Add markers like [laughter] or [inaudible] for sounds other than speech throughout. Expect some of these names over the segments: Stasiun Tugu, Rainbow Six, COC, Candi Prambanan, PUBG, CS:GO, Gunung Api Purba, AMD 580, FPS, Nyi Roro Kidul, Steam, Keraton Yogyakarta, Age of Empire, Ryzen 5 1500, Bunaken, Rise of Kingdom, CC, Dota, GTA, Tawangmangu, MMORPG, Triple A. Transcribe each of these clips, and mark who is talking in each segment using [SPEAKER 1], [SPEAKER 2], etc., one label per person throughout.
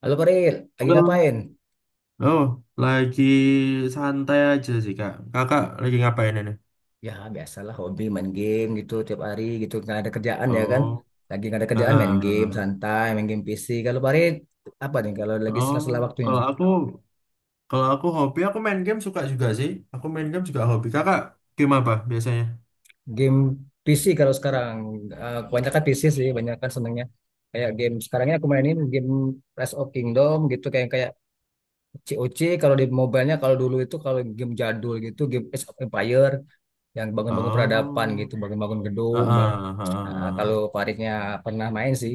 [SPEAKER 1] Halo Koril, lagi
[SPEAKER 2] Halo.
[SPEAKER 1] ngapain?
[SPEAKER 2] Oh, lagi santai aja sih, Kak. Kakak lagi ngapain ini?
[SPEAKER 1] Ya biasalah hobi main game gitu tiap hari gitu nggak ada kerjaan ya kan?
[SPEAKER 2] Oh,
[SPEAKER 1] Lagi nggak ada kerjaan main game
[SPEAKER 2] ah.
[SPEAKER 1] santai, main game PC. Kalau Farid apa nih kalau lagi
[SPEAKER 2] Oh,
[SPEAKER 1] sela-sela waktunya?
[SPEAKER 2] kalau aku kalau aku hobi aku main game suka juga sih. Aku main game juga hobi. Kakak game apa biasanya?
[SPEAKER 1] Game PC kalau sekarang, kebanyakan PC sih, kebanyakan senengnya kayak game sekarangnya aku mainin game Rise of Kingdom gitu kayak kayak COC kalau di mobile-nya, kalau dulu itu kalau game jadul gitu game Age of Empire yang bangun-bangun peradaban
[SPEAKER 2] Oh,
[SPEAKER 1] gitu, bangun-bangun
[SPEAKER 2] ah,
[SPEAKER 1] gedung, bang.
[SPEAKER 2] ah,
[SPEAKER 1] Nah, kalau
[SPEAKER 2] ah,
[SPEAKER 1] Faridnya pernah main sih.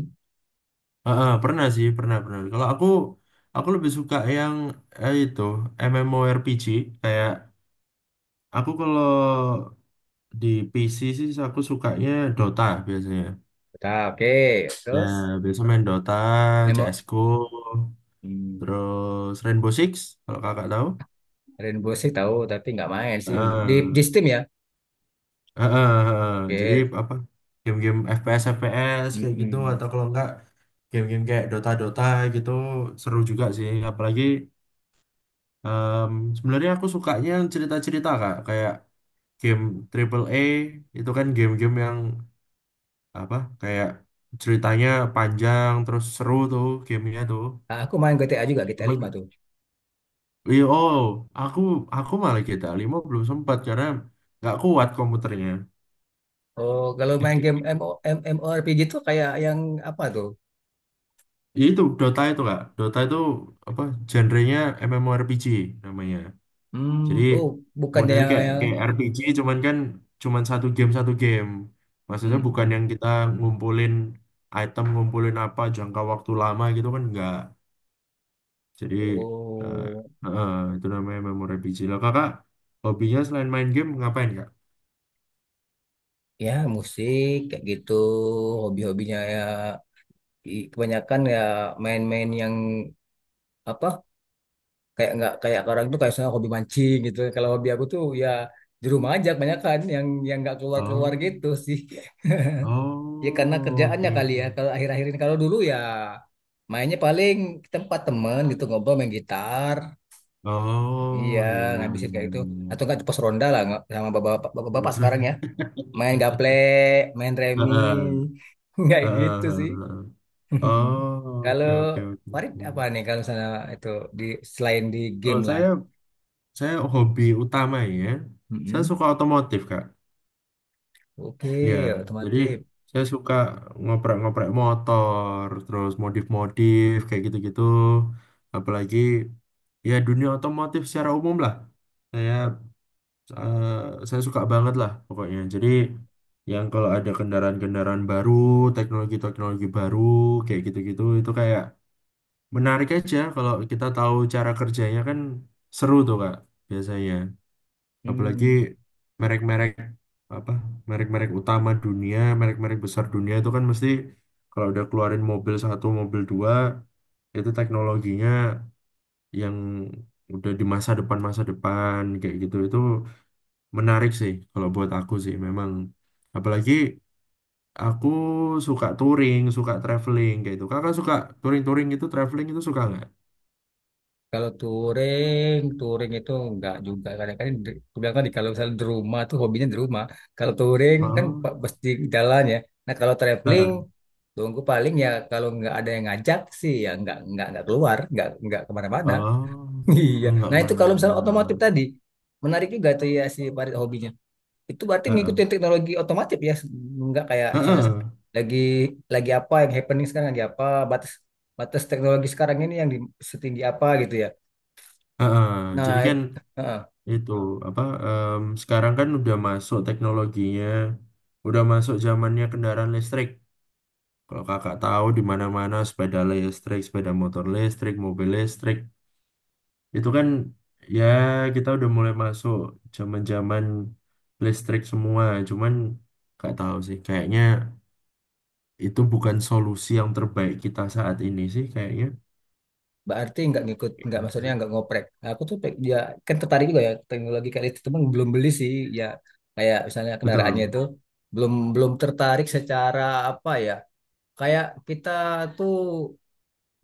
[SPEAKER 2] ah, ah, pernah sih, pernah pernah. Kalau aku lebih suka yang itu MMORPG, kayak aku kalau di PC sih aku sukanya Dota biasanya.
[SPEAKER 1] Udah, oke.
[SPEAKER 2] Ya,
[SPEAKER 1] Terus
[SPEAKER 2] biasa main Dota,
[SPEAKER 1] emo
[SPEAKER 2] CSGO,
[SPEAKER 1] hmm,
[SPEAKER 2] terus Rainbow Six, kalau kakak tahu.
[SPEAKER 1] Rainbow Six tahu tapi nggak main sih, di
[SPEAKER 2] Eh,
[SPEAKER 1] di Steam ya.
[SPEAKER 2] eh, eh, eh. Jadi
[SPEAKER 1] Oke.
[SPEAKER 2] apa, game-game FPS, FPS kayak gitu,
[SPEAKER 1] Mm-mm.
[SPEAKER 2] atau kalau enggak game-game kayak Dota, Dota gitu, seru juga sih. Apalagi sebenarnya aku sukanya cerita-cerita, kak, kayak game Triple A itu kan game-game yang apa, kayak ceritanya panjang, terus seru tuh gamenya tuh.
[SPEAKER 1] Nah, aku main GTA juga GTA 5 tuh.
[SPEAKER 2] Iya, oh, aku aku malah GTA 5 belum sempat karena nggak kuat komputernya.
[SPEAKER 1] Oh, kalau main game MO, M- MMORPG tuh kayak yang apa tuh?
[SPEAKER 2] Ya itu Dota itu kak, Dota itu apa genrenya MMORPG namanya. Jadi
[SPEAKER 1] Hmm, oh, bukannya
[SPEAKER 2] modelnya
[SPEAKER 1] yang
[SPEAKER 2] kayak
[SPEAKER 1] yang
[SPEAKER 2] kayak RPG, cuman kan cuman satu game satu game. Maksudnya bukan
[SPEAKER 1] Mm-mm.
[SPEAKER 2] yang kita ngumpulin item, ngumpulin apa jangka waktu lama gitu kan, nggak. Jadi eh
[SPEAKER 1] Oh,
[SPEAKER 2] eh, itu namanya MMORPG. Lah kakak hobinya selain main game ngapain, kak?
[SPEAKER 1] ya musik kayak gitu, hobi-hobinya ya i- kebanyakan ya main-main yang apa? Kayak nggak kayak orang tuh kayak saya hobi mancing gitu, kalau hobi aku tuh ya di rumah aja kebanyakan yang nggak keluar keluar
[SPEAKER 2] Oh.
[SPEAKER 1] gitu sih [laughs] ya karena
[SPEAKER 2] Oh,
[SPEAKER 1] kerjaannya
[SPEAKER 2] oke,
[SPEAKER 1] kali
[SPEAKER 2] oke.
[SPEAKER 1] ya, kalau akhir-akhir ini kalau dulu ya mainnya paling ke tempat temen gitu ngobrol main gitar, iya,
[SPEAKER 2] Oh, iya, iya, iya,
[SPEAKER 1] ngabisin kayak gitu atau
[SPEAKER 2] iya.
[SPEAKER 1] nggak di pos ronda lah, nggak- sama bapak-bapak
[SPEAKER 2] Bagus
[SPEAKER 1] sekarang
[SPEAKER 2] banget.
[SPEAKER 1] ya
[SPEAKER 2] [laughs]
[SPEAKER 1] main gaplek main remi
[SPEAKER 2] Heeh,
[SPEAKER 1] [laughs] nggak
[SPEAKER 2] heeh,
[SPEAKER 1] gitu sih
[SPEAKER 2] heeh.
[SPEAKER 1] [laughs]
[SPEAKER 2] Oh,
[SPEAKER 1] kalau
[SPEAKER 2] oke, oke, oke,
[SPEAKER 1] Farid
[SPEAKER 2] oke.
[SPEAKER 1] apa nih kalau misalnya itu di selain di
[SPEAKER 2] Oh,
[SPEAKER 1] game lah.
[SPEAKER 2] saya hobi utama, ya. Saya
[SPEAKER 1] Mm-mm.
[SPEAKER 2] suka otomotif, Kak. Ya,
[SPEAKER 1] Oke,
[SPEAKER 2] jadi
[SPEAKER 1] otomotif.
[SPEAKER 2] saya suka ngoprek-ngoprek motor, terus modif-modif kayak gitu-gitu. Apalagi ya dunia otomotif secara umum lah. Saya saya suka banget lah pokoknya. Jadi yang kalau ada kendaraan-kendaraan baru, teknologi-teknologi baru, kayak gitu-gitu, itu kayak menarik aja kalau kita tahu cara kerjanya, kan seru tuh Kak, biasanya. Apalagi
[SPEAKER 1] Hmm.
[SPEAKER 2] merek-merek apa, merek-merek utama dunia, merek-merek besar dunia itu kan mesti kalau udah keluarin mobil satu, mobil dua, itu teknologinya yang udah di masa depan kayak gitu itu menarik sih kalau buat aku sih, memang. Apalagi aku suka touring, suka traveling kayak gitu. Kakak suka touring-touring itu, traveling itu suka, nggak?
[SPEAKER 1] Kalau touring, touring itu enggak juga. Kadang-kadang di- aku bilang kan kalau misalnya di rumah tuh hobinya di rumah. Kalau touring kan
[SPEAKER 2] Oh,
[SPEAKER 1] pa- pasti jalan ya. Nah, kalau traveling,
[SPEAKER 2] heeh.
[SPEAKER 1] tunggu paling ya kalau nggak ada yang ngajak sih ya nggak keluar, nggak kemana-mana.
[SPEAKER 2] Oh,
[SPEAKER 1] [laughs] Iya.
[SPEAKER 2] nggak
[SPEAKER 1] Nah itu kalau misalnya
[SPEAKER 2] kemana-mana.
[SPEAKER 1] otomotif tadi menarik juga tuh ya, si Farid hobinya. Itu berarti
[SPEAKER 2] Heeh.
[SPEAKER 1] ngikutin teknologi otomatis ya, nggak kayak misalnya
[SPEAKER 2] Heeh.
[SPEAKER 1] lagi lagi apa yang happening sekarang lagi apa, batas batas teknologi sekarang ini yang di, setinggi apa gitu ya.
[SPEAKER 2] Heeh.
[SPEAKER 1] Nah,
[SPEAKER 2] Jadi kan
[SPEAKER 1] it- heeh,
[SPEAKER 2] itu apa? Sekarang kan udah masuk teknologinya, udah masuk zamannya kendaraan listrik. Kalau kakak tahu di mana-mana sepeda listrik, sepeda motor listrik, mobil listrik. Itu kan ya kita udah mulai masuk zaman-zaman listrik semua. Cuman nggak tahu sih, kayaknya itu bukan solusi yang terbaik kita saat ini sih, kayaknya.
[SPEAKER 1] berarti nggak ngikut,
[SPEAKER 2] Kayak
[SPEAKER 1] nggak
[SPEAKER 2] gitu
[SPEAKER 1] maksudnya
[SPEAKER 2] sih.
[SPEAKER 1] nggak ngoprek. Nah, aku tuh pe- ya kan tertarik juga ya teknologi kayak itu, cuman belum beli sih, ya kayak misalnya kendaraannya
[SPEAKER 2] Betul,
[SPEAKER 1] itu belum belum tertarik secara apa ya, kayak kita tuh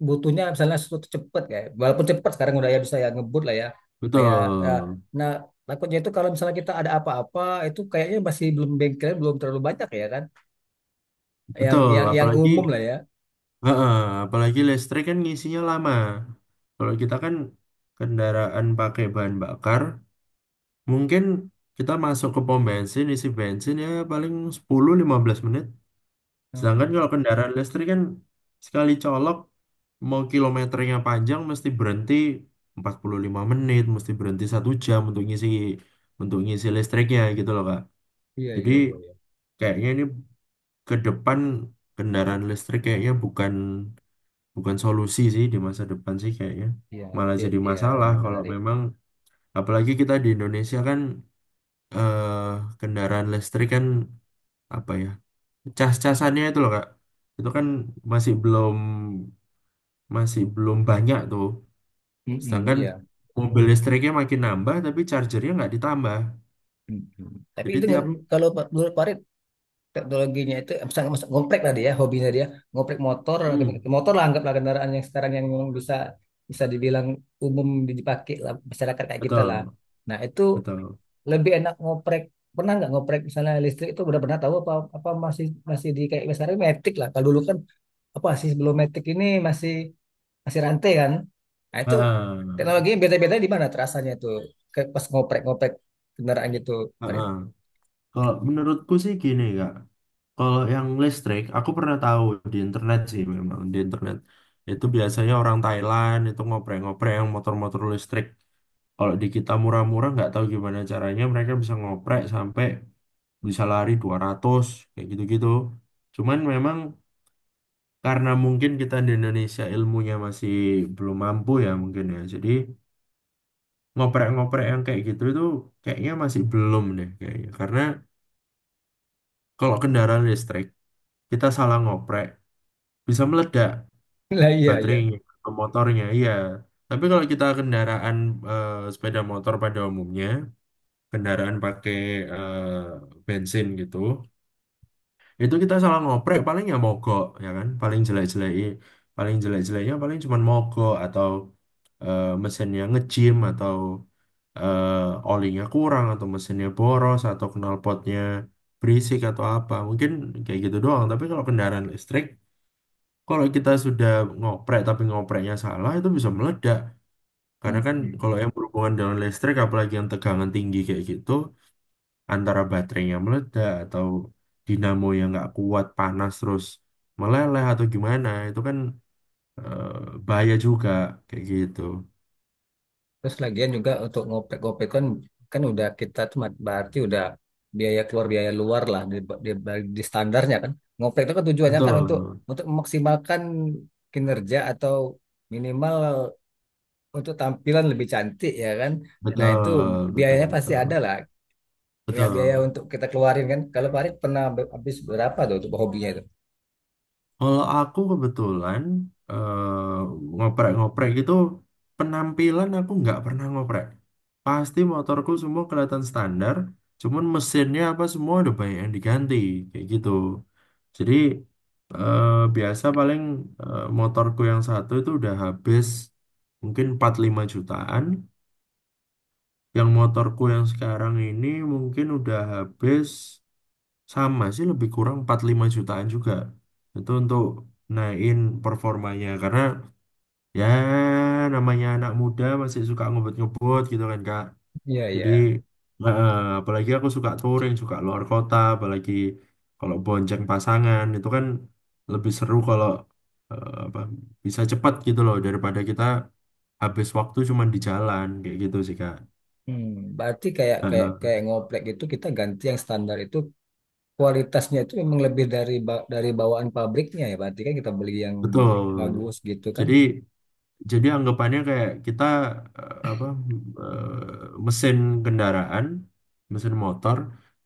[SPEAKER 1] butuhnya misalnya sesuatu cepet, kayak walaupun cepet sekarang udah ya bisa ya ngebut lah ya kayak ya,
[SPEAKER 2] betul,
[SPEAKER 1] nah takutnya itu kalau misalnya kita ada apa-apa itu kayaknya masih belum bengkel belum terlalu banyak ya kan, yang
[SPEAKER 2] betul.
[SPEAKER 1] yang
[SPEAKER 2] Apalagi,
[SPEAKER 1] umum lah ya.
[SPEAKER 2] heeh, apalagi listrik kan ngisinya lama. Kalau kita kan kendaraan pakai bahan bakar, mungkin kita masuk ke pom bensin, isi bensin ya paling 10-15 menit.
[SPEAKER 1] Hmm,
[SPEAKER 2] Sedangkan kalau kendaraan listrik kan sekali colok mau kilometernya panjang mesti berhenti 45 menit, mesti berhenti satu jam untuk ngisi listriknya gitu loh, Kak.
[SPEAKER 1] iya
[SPEAKER 2] Jadi
[SPEAKER 1] iya iya iya.
[SPEAKER 2] kayaknya ini ke depan kendaraan listrik kayaknya bukan bukan solusi sih di masa depan sih, kayaknya.
[SPEAKER 1] Iya,
[SPEAKER 2] Malah
[SPEAKER 1] nanti
[SPEAKER 2] jadi
[SPEAKER 1] ya
[SPEAKER 2] masalah kalau
[SPEAKER 1] menarik.
[SPEAKER 2] memang apalagi kita di Indonesia kan, kendaraan listrik kan apa ya? Cas-casannya itu loh, Kak. Itu kan masih belum masih belum banyak tuh.
[SPEAKER 1] Mm-mm,
[SPEAKER 2] Sedangkan
[SPEAKER 1] iya.
[SPEAKER 2] mobil listriknya makin nambah, tapi chargernya nggak ditambah.
[SPEAKER 1] Mm-mm. Tapi
[SPEAKER 2] Jadi
[SPEAKER 1] itu nge-
[SPEAKER 2] tiap,
[SPEAKER 1] kalau menurut Farid teknologinya itu, misalnya misalnya ngoprek tadi ya hobinya dia ngoprek motor
[SPEAKER 2] hmm,
[SPEAKER 1] motor lah anggaplah kendaraan yang sekarang yang memang bisa bisa dibilang umum dipakai lah, masyarakat kayak kita lah,
[SPEAKER 2] betul,
[SPEAKER 1] nah itu
[SPEAKER 2] betul.
[SPEAKER 1] lebih enak ngoprek, pernah nggak ngoprek misalnya listrik itu udah pernah tahu apa apa masih masih di kayak misalnya metik lah kalau dulu kan apa sih sebelum metik ini masih masih rantai kan, nah itu
[SPEAKER 2] Heeh,
[SPEAKER 1] teknologinya beda-beda di mana terasanya tuh, kayak pas ngoprek-ngoprek kendaraan gitu Farid.
[SPEAKER 2] heeh. Kalau menurutku sih gini kak, kalau yang listrik, aku pernah tahu di internet sih, memang di internet. Itu biasanya orang Thailand itu ngoprek-ngoprek yang motor-motor listrik. Kalau di kita murah-murah nggak tahu gimana caranya mereka bisa ngoprek sampai bisa lari 200 kayak gitu-gitu. Cuman memang karena mungkin kita di Indonesia ilmunya masih belum mampu ya mungkin ya, jadi ngoprek-ngoprek yang kayak gitu itu kayaknya masih belum deh kayaknya, karena kalau kendaraan listrik kita salah ngoprek bisa meledak
[SPEAKER 1] [laughs] Lah iya iya.
[SPEAKER 2] baterainya atau motornya, iya. Tapi kalau kita kendaraan, sepeda motor pada umumnya, kendaraan pakai bensin gitu, itu kita salah ngoprek paling ya mogok, ya kan, paling jelek-jeleki, paling jelek-jeleknya paling cuman mogok atau mesinnya ngejim atau olinya kurang atau mesinnya boros atau knalpotnya berisik atau apa, mungkin kayak gitu doang. Tapi kalau kendaraan listrik kalau kita sudah ngoprek tapi ngopreknya salah itu bisa meledak, karena kan kalau
[SPEAKER 1] Mm-mm.
[SPEAKER 2] yang berhubungan dengan listrik apalagi yang tegangan tinggi kayak gitu, antara baterainya meledak atau dinamo yang nggak kuat panas terus meleleh atau gimana, itu kan bahaya juga kayak gitu.
[SPEAKER 1] Terus lagian juga untuk ngopek-ngopek kan kan udah kita tuh mat- berarti udah biaya keluar biaya luar lah di, di standarnya kan. Ngopek itu kan tujuannya kan untuk
[SPEAKER 2] Betul,
[SPEAKER 1] untuk memaksimalkan kinerja atau minimal untuk tampilan lebih cantik ya kan. Nah, itu
[SPEAKER 2] betul, betul,
[SPEAKER 1] biayanya pasti
[SPEAKER 2] betul,
[SPEAKER 1] ada lah. Ya biaya
[SPEAKER 2] betul.
[SPEAKER 1] untuk kita keluarin kan. Kalau Farid pernah be- habis berapa tuh untuk hobinya itu?
[SPEAKER 2] Kalau aku kebetulan ngoprek-ngoprek gitu, penampilan aku nggak pernah ngoprek. Pasti motorku semua kelihatan standar, cuman mesinnya apa semua udah banyak yang diganti kayak gitu. Jadi eh, biasa paling motorku yang satu itu udah habis mungkin 45 jutaan. Yang motorku yang sekarang ini mungkin udah habis, sama sih lebih kurang 45 jutaan juga. Itu untuk naikin performanya, karena ya namanya anak muda masih suka ngebut-ngebut gitu kan, Kak.
[SPEAKER 1] Iya,
[SPEAKER 2] Jadi
[SPEAKER 1] iya.
[SPEAKER 2] eh, apalagi aku suka touring, suka luar kota, apalagi kalau bonceng pasangan itu kan lebih seru kalau apa, bisa cepat gitu loh, daripada kita habis waktu cuman di jalan kayak gitu sih, Kak.
[SPEAKER 1] Hmm, berarti kayak kayak
[SPEAKER 2] Eh,
[SPEAKER 1] kayak ngoplek gitu kita ganti yang standar itu kualitasnya itu memang lebih dari ba- dari bawaan pabriknya ya berarti kan kita beli yang
[SPEAKER 2] betul.
[SPEAKER 1] bagus gitu kan,
[SPEAKER 2] Jadi Jadi anggapannya kayak kita apa eh, mesin kendaraan, mesin motor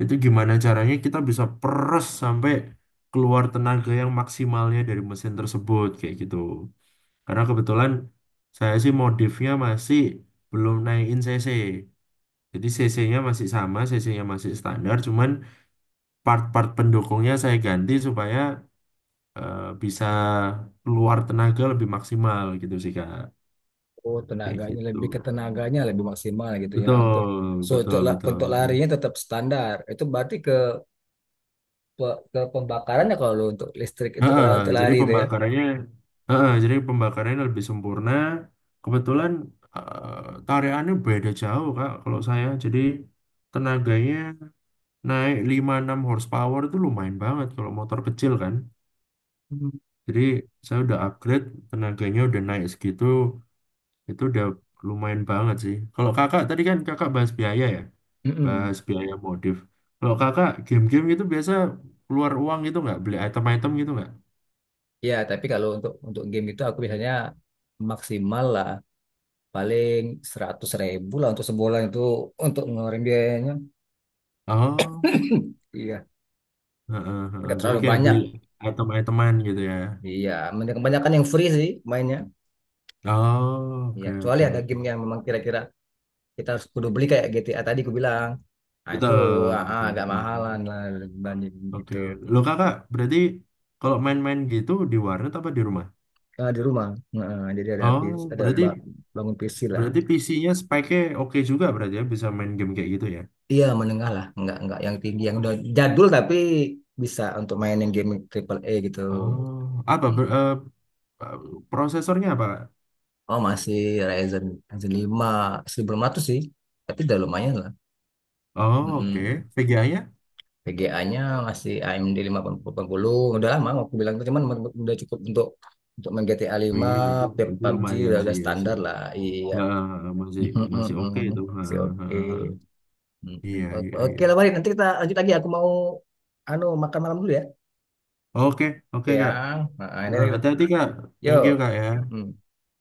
[SPEAKER 2] itu gimana caranya kita bisa peres sampai keluar tenaga yang maksimalnya dari mesin tersebut kayak gitu. Karena kebetulan saya sih modifnya masih belum naikin CC. Jadi CC-nya masih sama, CC-nya masih standar, cuman part-part pendukungnya saya ganti supaya bisa keluar tenaga lebih maksimal gitu sih, Kak.
[SPEAKER 1] oh
[SPEAKER 2] Kayak
[SPEAKER 1] tenaganya
[SPEAKER 2] gitu.
[SPEAKER 1] lebih ke tenaganya lebih maksimal gitu ya untuk,
[SPEAKER 2] Betul,
[SPEAKER 1] so untuk
[SPEAKER 2] betul,
[SPEAKER 1] la-
[SPEAKER 2] betul,
[SPEAKER 1] untuk
[SPEAKER 2] betul.
[SPEAKER 1] larinya tetap standar itu berarti ke pe- ke pembakarannya, kalau untuk listrik untuk
[SPEAKER 2] Heeh,
[SPEAKER 1] la- untuk
[SPEAKER 2] jadi
[SPEAKER 1] lari itu ya.
[SPEAKER 2] pembakarannya, heeh, jadi pembakarannya lebih sempurna. Kebetulan tarikannya beda jauh, Kak, kalau saya. Jadi tenaganya naik 5-6 horsepower, itu lumayan banget kalau motor kecil kan.
[SPEAKER 1] Hmm.
[SPEAKER 2] Jadi saya udah upgrade, tenaganya udah naik segitu, itu udah lumayan banget sih. Kalau kakak, tadi kan kakak bahas biaya ya,
[SPEAKER 1] Mm-mm.
[SPEAKER 2] bahas biaya modif. Kalau kakak game-game itu biasa keluar uang gitu nggak? Beli item-item gitu nggak?
[SPEAKER 1] Ya tapi kalau untuk game itu aku biasanya maksimal lah paling 100.000 lah untuk sebulan itu untuk ngeluarin biayanya
[SPEAKER 2] Oh,
[SPEAKER 1] [clears throat] iya,
[SPEAKER 2] heeh, heeh.
[SPEAKER 1] nggak
[SPEAKER 2] Jadi
[SPEAKER 1] terlalu
[SPEAKER 2] kayak
[SPEAKER 1] banyak.
[SPEAKER 2] beli item-iteman gitu ya.
[SPEAKER 1] Iya, men- kebanyakan yang free sih mainnya.
[SPEAKER 2] Oh,
[SPEAKER 1] Iya,
[SPEAKER 2] oke,
[SPEAKER 1] kecuali
[SPEAKER 2] oke,
[SPEAKER 1] ada
[SPEAKER 2] oke.
[SPEAKER 1] game yang memang kira-kira kita harus kudu beli kayak GTA tadi aku bilang. Nah, itu
[SPEAKER 2] Betul, betul,
[SPEAKER 1] agak
[SPEAKER 2] betul,
[SPEAKER 1] mahalan
[SPEAKER 2] betul.
[SPEAKER 1] lah dibanding
[SPEAKER 2] Oke.
[SPEAKER 1] gitu.
[SPEAKER 2] Lo kakak, berarti kalau main-main gitu di warnet apa di rumah?
[SPEAKER 1] Ah, di rumah. Heeh, jadi ada PC,
[SPEAKER 2] Oh,
[SPEAKER 1] ada
[SPEAKER 2] berarti
[SPEAKER 1] ba- bangun PC lah.
[SPEAKER 2] berarti PC-nya speknya oke juga berarti, ya bisa main game kayak gitu ya.
[SPEAKER 1] Iya, menengah lah, enggak yang tinggi, yang udah jadul tapi bisa untuk mainin game triple A gitu.
[SPEAKER 2] Oh,
[SPEAKER 1] Hmm.
[SPEAKER 2] prosesornya apa?
[SPEAKER 1] Oh, masih Ryzen Ryzen 5 1500 sih. Tapi udah lumayan lah.
[SPEAKER 2] Oh,
[SPEAKER 1] Mm-mm.
[SPEAKER 2] oke. VGA-nya?
[SPEAKER 1] VGA-nya masih AMD 580. Udah lama aku bilang itu cuman men- udah cukup untuk main GTA 5,
[SPEAKER 2] Wih, itu
[SPEAKER 1] P-
[SPEAKER 2] itu
[SPEAKER 1] PUBG
[SPEAKER 2] lumayan
[SPEAKER 1] udah
[SPEAKER 2] sih ya sih.
[SPEAKER 1] standar lah. Iya.
[SPEAKER 2] Nah, masih
[SPEAKER 1] [laughs]
[SPEAKER 2] masih oke itu. Ha,
[SPEAKER 1] Oke,
[SPEAKER 2] ha,
[SPEAKER 1] oke.
[SPEAKER 2] ha.
[SPEAKER 1] Mm-mm.
[SPEAKER 2] Iya,
[SPEAKER 1] O-
[SPEAKER 2] iya,
[SPEAKER 1] Oke
[SPEAKER 2] iya.
[SPEAKER 1] lah Bari, nanti kita lanjut lagi. Aku mau anu makan malam dulu ya.
[SPEAKER 2] Oke,
[SPEAKER 1] Oke
[SPEAKER 2] oke
[SPEAKER 1] ya.
[SPEAKER 2] Kak.
[SPEAKER 1] Nah, ini,
[SPEAKER 2] Eh, hati-hati Kak. Thank you
[SPEAKER 1] yuk.
[SPEAKER 2] Kak ya.
[SPEAKER 1] Mm.